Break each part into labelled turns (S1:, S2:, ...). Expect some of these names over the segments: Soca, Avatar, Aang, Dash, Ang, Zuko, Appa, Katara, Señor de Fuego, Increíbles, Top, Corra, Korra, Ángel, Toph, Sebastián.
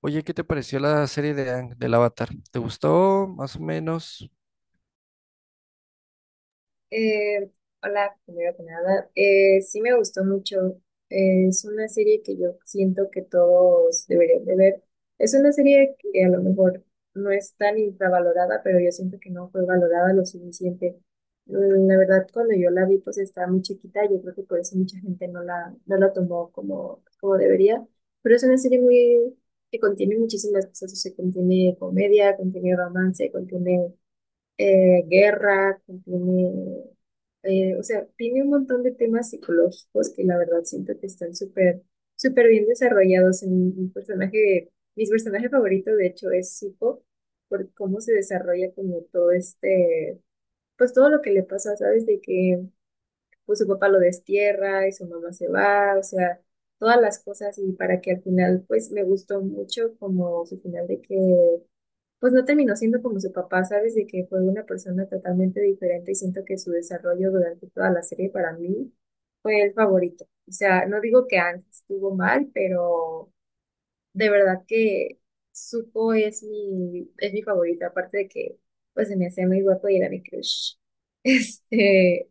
S1: Oye, ¿qué te pareció la serie de Aang, del Avatar? ¿Te gustó más o menos?
S2: Eh, Hola, primero que nada. Sí me gustó mucho. Es una serie que yo siento que todos deberían de ver. Es una serie que a lo mejor no es tan infravalorada, pero yo siento que no fue valorada lo suficiente. La verdad, cuando yo la vi, pues estaba muy chiquita. Yo creo que por eso mucha gente no la tomó como debería. Pero es una serie muy, que contiene muchísimas cosas. O sea, contiene comedia, contiene romance, contiene guerra, o sea, tiene un montón de temas psicológicos que la verdad siento que están súper bien desarrollados en un personaje, mis personajes favoritos de hecho es Zuko, por cómo se desarrolla como todo este, pues todo lo que le pasa, ¿sabes? De que pues su papá lo destierra y su mamá se va, o sea, todas las cosas y para que al final pues me gustó mucho como su final de que pues no terminó siendo como su papá, ¿sabes? De que fue una persona totalmente diferente y siento que su desarrollo durante toda la serie para mí fue el favorito. O sea, no digo que antes estuvo mal, pero de verdad que Zuko es mi favorito, aparte de que pues se me hacía muy guapo y era mi crush. Este,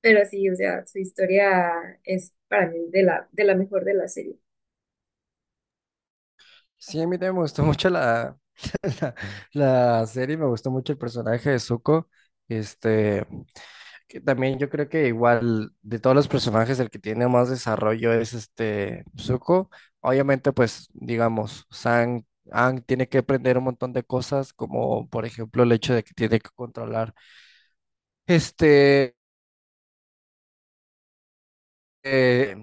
S2: pero sí, o sea, su historia es para mí de la mejor de la serie.
S1: Sí, a mí también me gustó mucho la serie, me gustó mucho el personaje de Zuko. Este, que también yo creo que igual de todos los personajes el que tiene más desarrollo es este Zuko. Obviamente, pues digamos, Aang tiene que aprender un montón de cosas, como por ejemplo el hecho de que tiene que controlar este eh,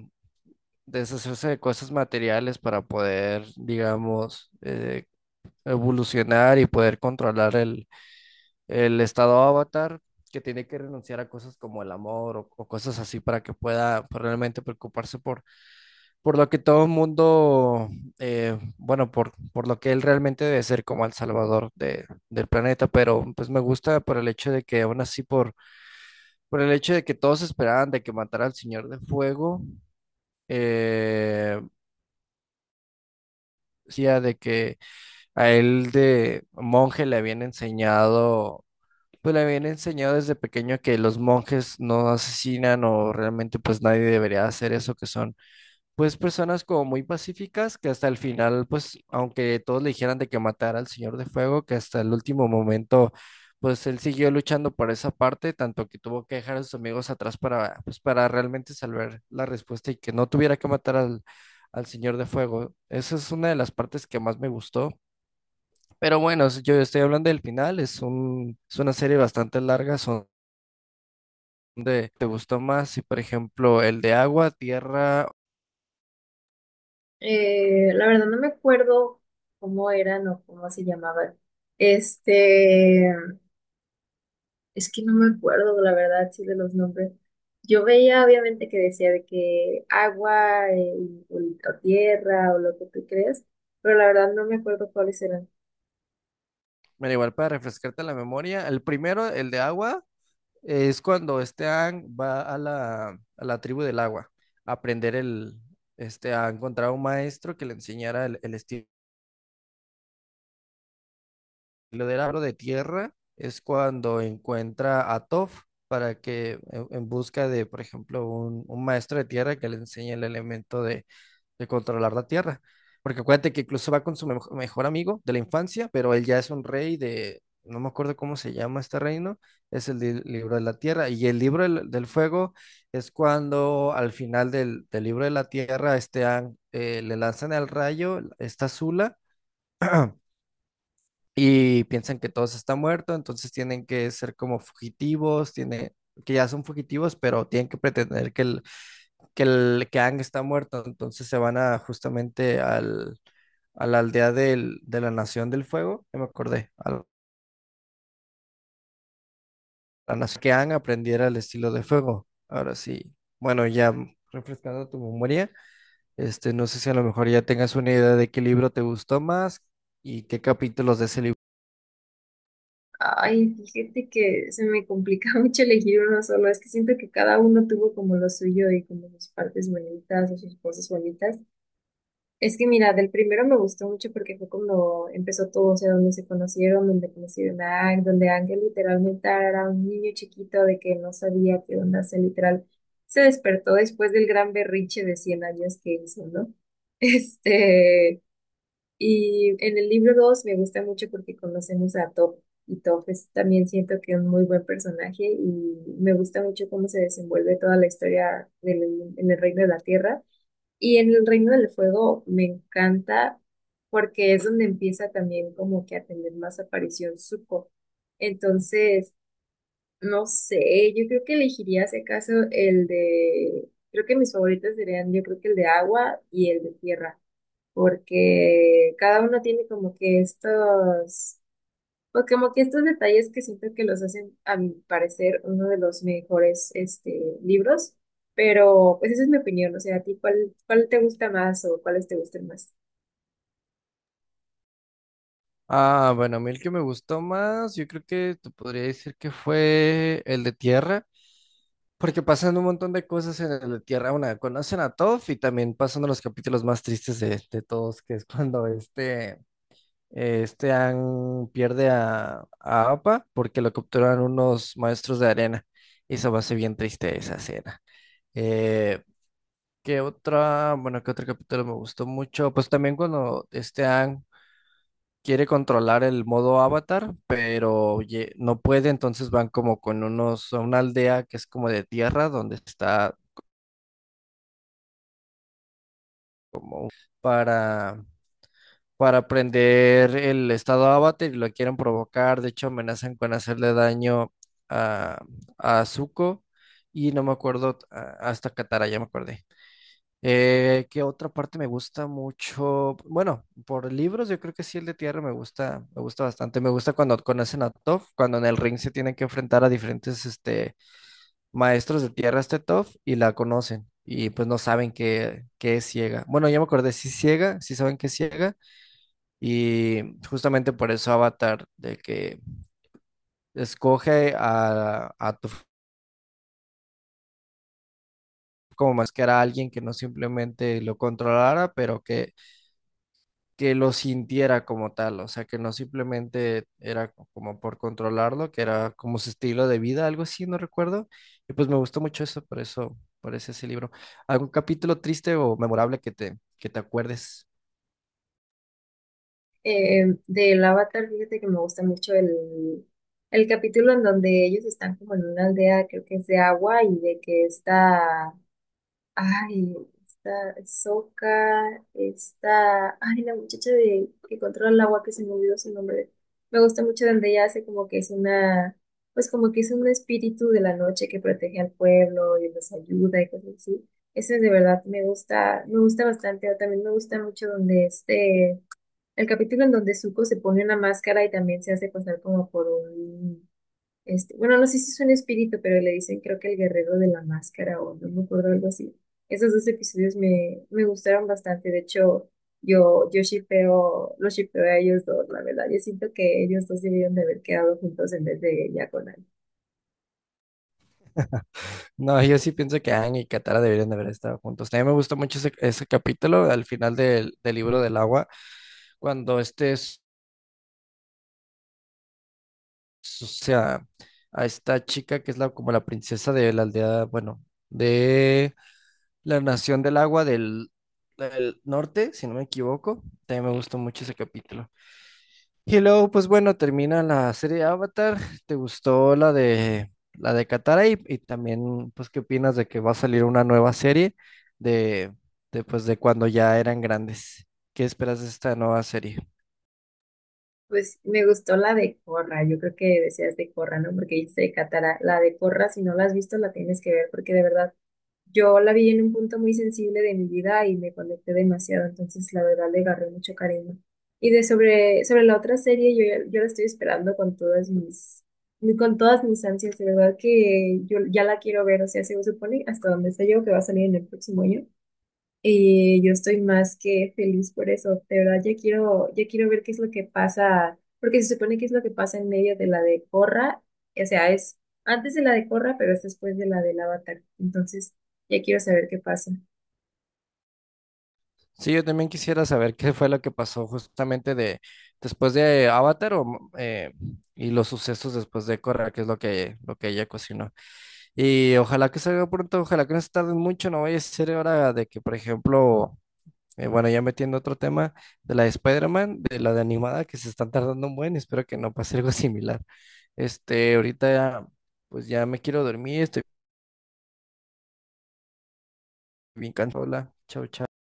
S1: deshacerse de cosas materiales para poder, digamos, evolucionar y poder controlar el estado avatar, que tiene que renunciar a cosas como el amor o cosas así para que pueda pues, realmente preocuparse por lo que todo el mundo, bueno, por lo que él realmente debe ser como el salvador del planeta, pero pues me gusta por el hecho de que aún así, por el hecho de que todos esperaban de que matara al Señor de Fuego, eh, decía de que a él de monje le habían enseñado, pues le habían enseñado desde pequeño que los monjes no asesinan o realmente pues nadie debería hacer eso, que son pues personas como muy pacíficas que hasta el final, pues aunque todos le dijeran de que matara al Señor de Fuego, que hasta el último momento, pues él siguió luchando por esa parte, tanto que tuvo que dejar a sus amigos atrás para, pues, para realmente salvar la respuesta y que no tuviera que matar al Señor de Fuego. Esa es una de las partes que más me gustó. Pero bueno, yo estoy hablando del final, es una serie bastante larga, son ¿te gustó más? Si por ejemplo el de agua, tierra.
S2: La verdad no me acuerdo cómo eran o cómo se llamaban. Este, es que no me acuerdo, la verdad, sí, de los nombres. Yo veía, obviamente, que decía de que agua o tierra o lo que tú creas, pero la verdad no me acuerdo cuáles eran.
S1: Bueno, igual para refrescarte la memoria, el primero, el de agua, es cuando este Aang va a a la tribu del agua a aprender este, a encontrar un maestro que le enseñara el estilo del agro de tierra. Es cuando encuentra a Toph para que, en busca de, por ejemplo, un maestro de tierra que le enseñe el elemento de controlar la tierra. Porque acuérdate que incluso va con su mejor amigo de la infancia, pero él ya es un rey de, no me acuerdo cómo se llama este reino, es el libro de la tierra. Y el libro del fuego es cuando al final del libro de la tierra este, Aang, le lanzan el rayo, esta zula y piensan que todos están muertos, entonces tienen que ser como fugitivos, que ya son fugitivos, pero tienen que pretender que el que Aang está muerto, entonces se van a justamente a la aldea de la Nación del Fuego, ya me acordé, a la nación que Aang aprendiera el estilo de fuego. Ahora sí, bueno, ya refrescando tu memoria, este, no sé si a lo mejor ya tengas una idea de qué libro te gustó más y qué capítulos de ese libro.
S2: Ay, fíjate que se me complica mucho elegir uno solo. Es que siento que cada uno tuvo como lo suyo y como sus partes bonitas o sus cosas bonitas. Es que mira, del primero me gustó mucho porque fue cuando empezó todo, o sea, donde se conocieron, donde conocieron a Ang, donde Ángel literalmente era un niño chiquito de que no sabía qué onda, se despertó después del gran berrinche de 100 años que hizo, ¿no? Este, y en el libro 2 me gusta mucho porque conocemos a Top, y Top es también siento que es un muy buen personaje y me gusta mucho cómo se desenvuelve toda la historia en el Reino de la Tierra y en el Reino del Fuego me encanta porque es donde empieza también como que a tener más aparición Zuko. Entonces, no sé, yo creo que elegiría si acaso el de, creo que mis favoritos serían yo creo que el de agua y el de tierra, porque cada uno tiene como que estos pues como que estos detalles que siento que los hacen, a mi parecer, uno de los mejores libros, pero pues esa es mi opinión, o sea, ¿a ti cuál te gusta más o cuáles te gustan más?
S1: Ah, bueno, a mí el que me gustó más, yo creo que te podría decir que fue el de Tierra. Porque pasan un montón de cosas en la Tierra Una. Conocen a Toph y también pasan uno de los capítulos más tristes de todos, que es cuando este Aang pierde a Appa porque lo capturan unos maestros de arena. Y se me hace bien triste esa escena. Eh, ¿Qué otra? Bueno, ¿qué otro capítulo me gustó mucho? Pues también cuando este Aang quiere controlar el modo avatar, pero no puede, entonces van como con unos, a una aldea que es como de tierra, donde está para, para prender el estado avatar y lo quieren provocar. De hecho, amenazan con hacerle daño a, a Zuko y no me acuerdo hasta Katara, ya me acordé. ¿Qué otra parte me gusta mucho? Bueno, por libros yo creo que sí el de Tierra me gusta bastante. Me gusta cuando conocen a Toph, cuando en el ring se tienen que enfrentar a diferentes este, maestros de Tierra, este Toph, y la conocen. Y pues no saben que es ciega. Bueno, ya me acordé, sí es ciega, sí saben que es ciega, y justamente por eso Avatar, de que escoge a tu como máscara a alguien que no simplemente lo controlara, que lo sintiera como tal, o sea, que no simplemente era como por controlarlo, que era como su estilo de vida, algo así, no recuerdo. Y pues me gustó mucho eso, por eso, ese libro. ¿Algún capítulo triste o memorable que te acuerdes?
S2: Del Avatar, fíjate que me gusta mucho el capítulo en donde ellos están como en una aldea, creo que es de agua, y de que está Ay, está Soca, está ay, la muchacha de que controla el agua que se me olvidó su nombre. Me gusta mucho donde ella hace como que es una, pues como que es un espíritu de la noche que protege al pueblo y los ayuda y cosas así. Eso es de verdad, me gusta bastante. O también me gusta mucho donde el capítulo en donde Zuko se pone una máscara y también se hace pasar como por un bueno, no sé si es un espíritu, pero le dicen creo que el guerrero de la máscara o no me acuerdo algo así. Esos dos episodios me gustaron bastante. De hecho, yo shippeo, los shippeo a ellos dos, la verdad. Yo siento que ellos dos debieron de haber quedado juntos en vez de ella con él.
S1: No, yo sí pienso que Aang y Katara deberían de haber estado juntos. También me gustó mucho ese capítulo al final del libro del agua, cuando o sea, a esta chica que es como la princesa de la aldea, bueno, de la nación del agua del norte, si no me equivoco. También me gustó mucho ese capítulo. Y luego, pues bueno, termina la serie Avatar. ¿Te gustó la de Katara? Y también, pues, ¿qué opinas de que va a salir una nueva serie de, de, pues, de cuando ya eran grandes? ¿Qué esperas de esta nueva serie?
S2: Pues me gustó la de Corra, yo creo que deseas de Corra, ¿no? Porque dice Katara, la de Corra, si no la has visto, la tienes que ver, porque de verdad yo la vi en un punto muy sensible de mi vida y me conecté demasiado, entonces la verdad le agarré mucho cariño. Y sobre la otra serie, yo la estoy esperando con todas con todas mis ansias, de verdad que yo ya la quiero ver, o sea, se supone hasta donde sé yo que va a salir en el próximo año. Y yo estoy más que feliz por eso. De verdad, ya quiero ver qué es lo que pasa, porque se supone que es lo que pasa en medio de la de Corra. O sea, es antes de la de Corra, pero es después de la del Avatar. Entonces, ya quiero saber qué pasa.
S1: Sí, yo también quisiera saber qué fue lo que pasó justamente de después de Avatar o, eh, y los sucesos después de Korra, que es lo que ella cocinó. Y ojalá que salga pronto, ojalá que no se tarden mucho, no vaya a ser hora de que, por ejemplo. Bueno, ya metiendo otro tema de la de Spider-Man, de la de animada, que se están tardando un buen, espero que no pase algo similar. Este, ahorita ya, pues ya me quiero dormir, estoy bien cansado. Hola, chao, chao.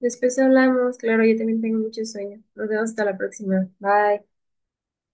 S2: Después hablamos, claro, yo también tengo mucho sueño. Nos vemos hasta la próxima. Bye.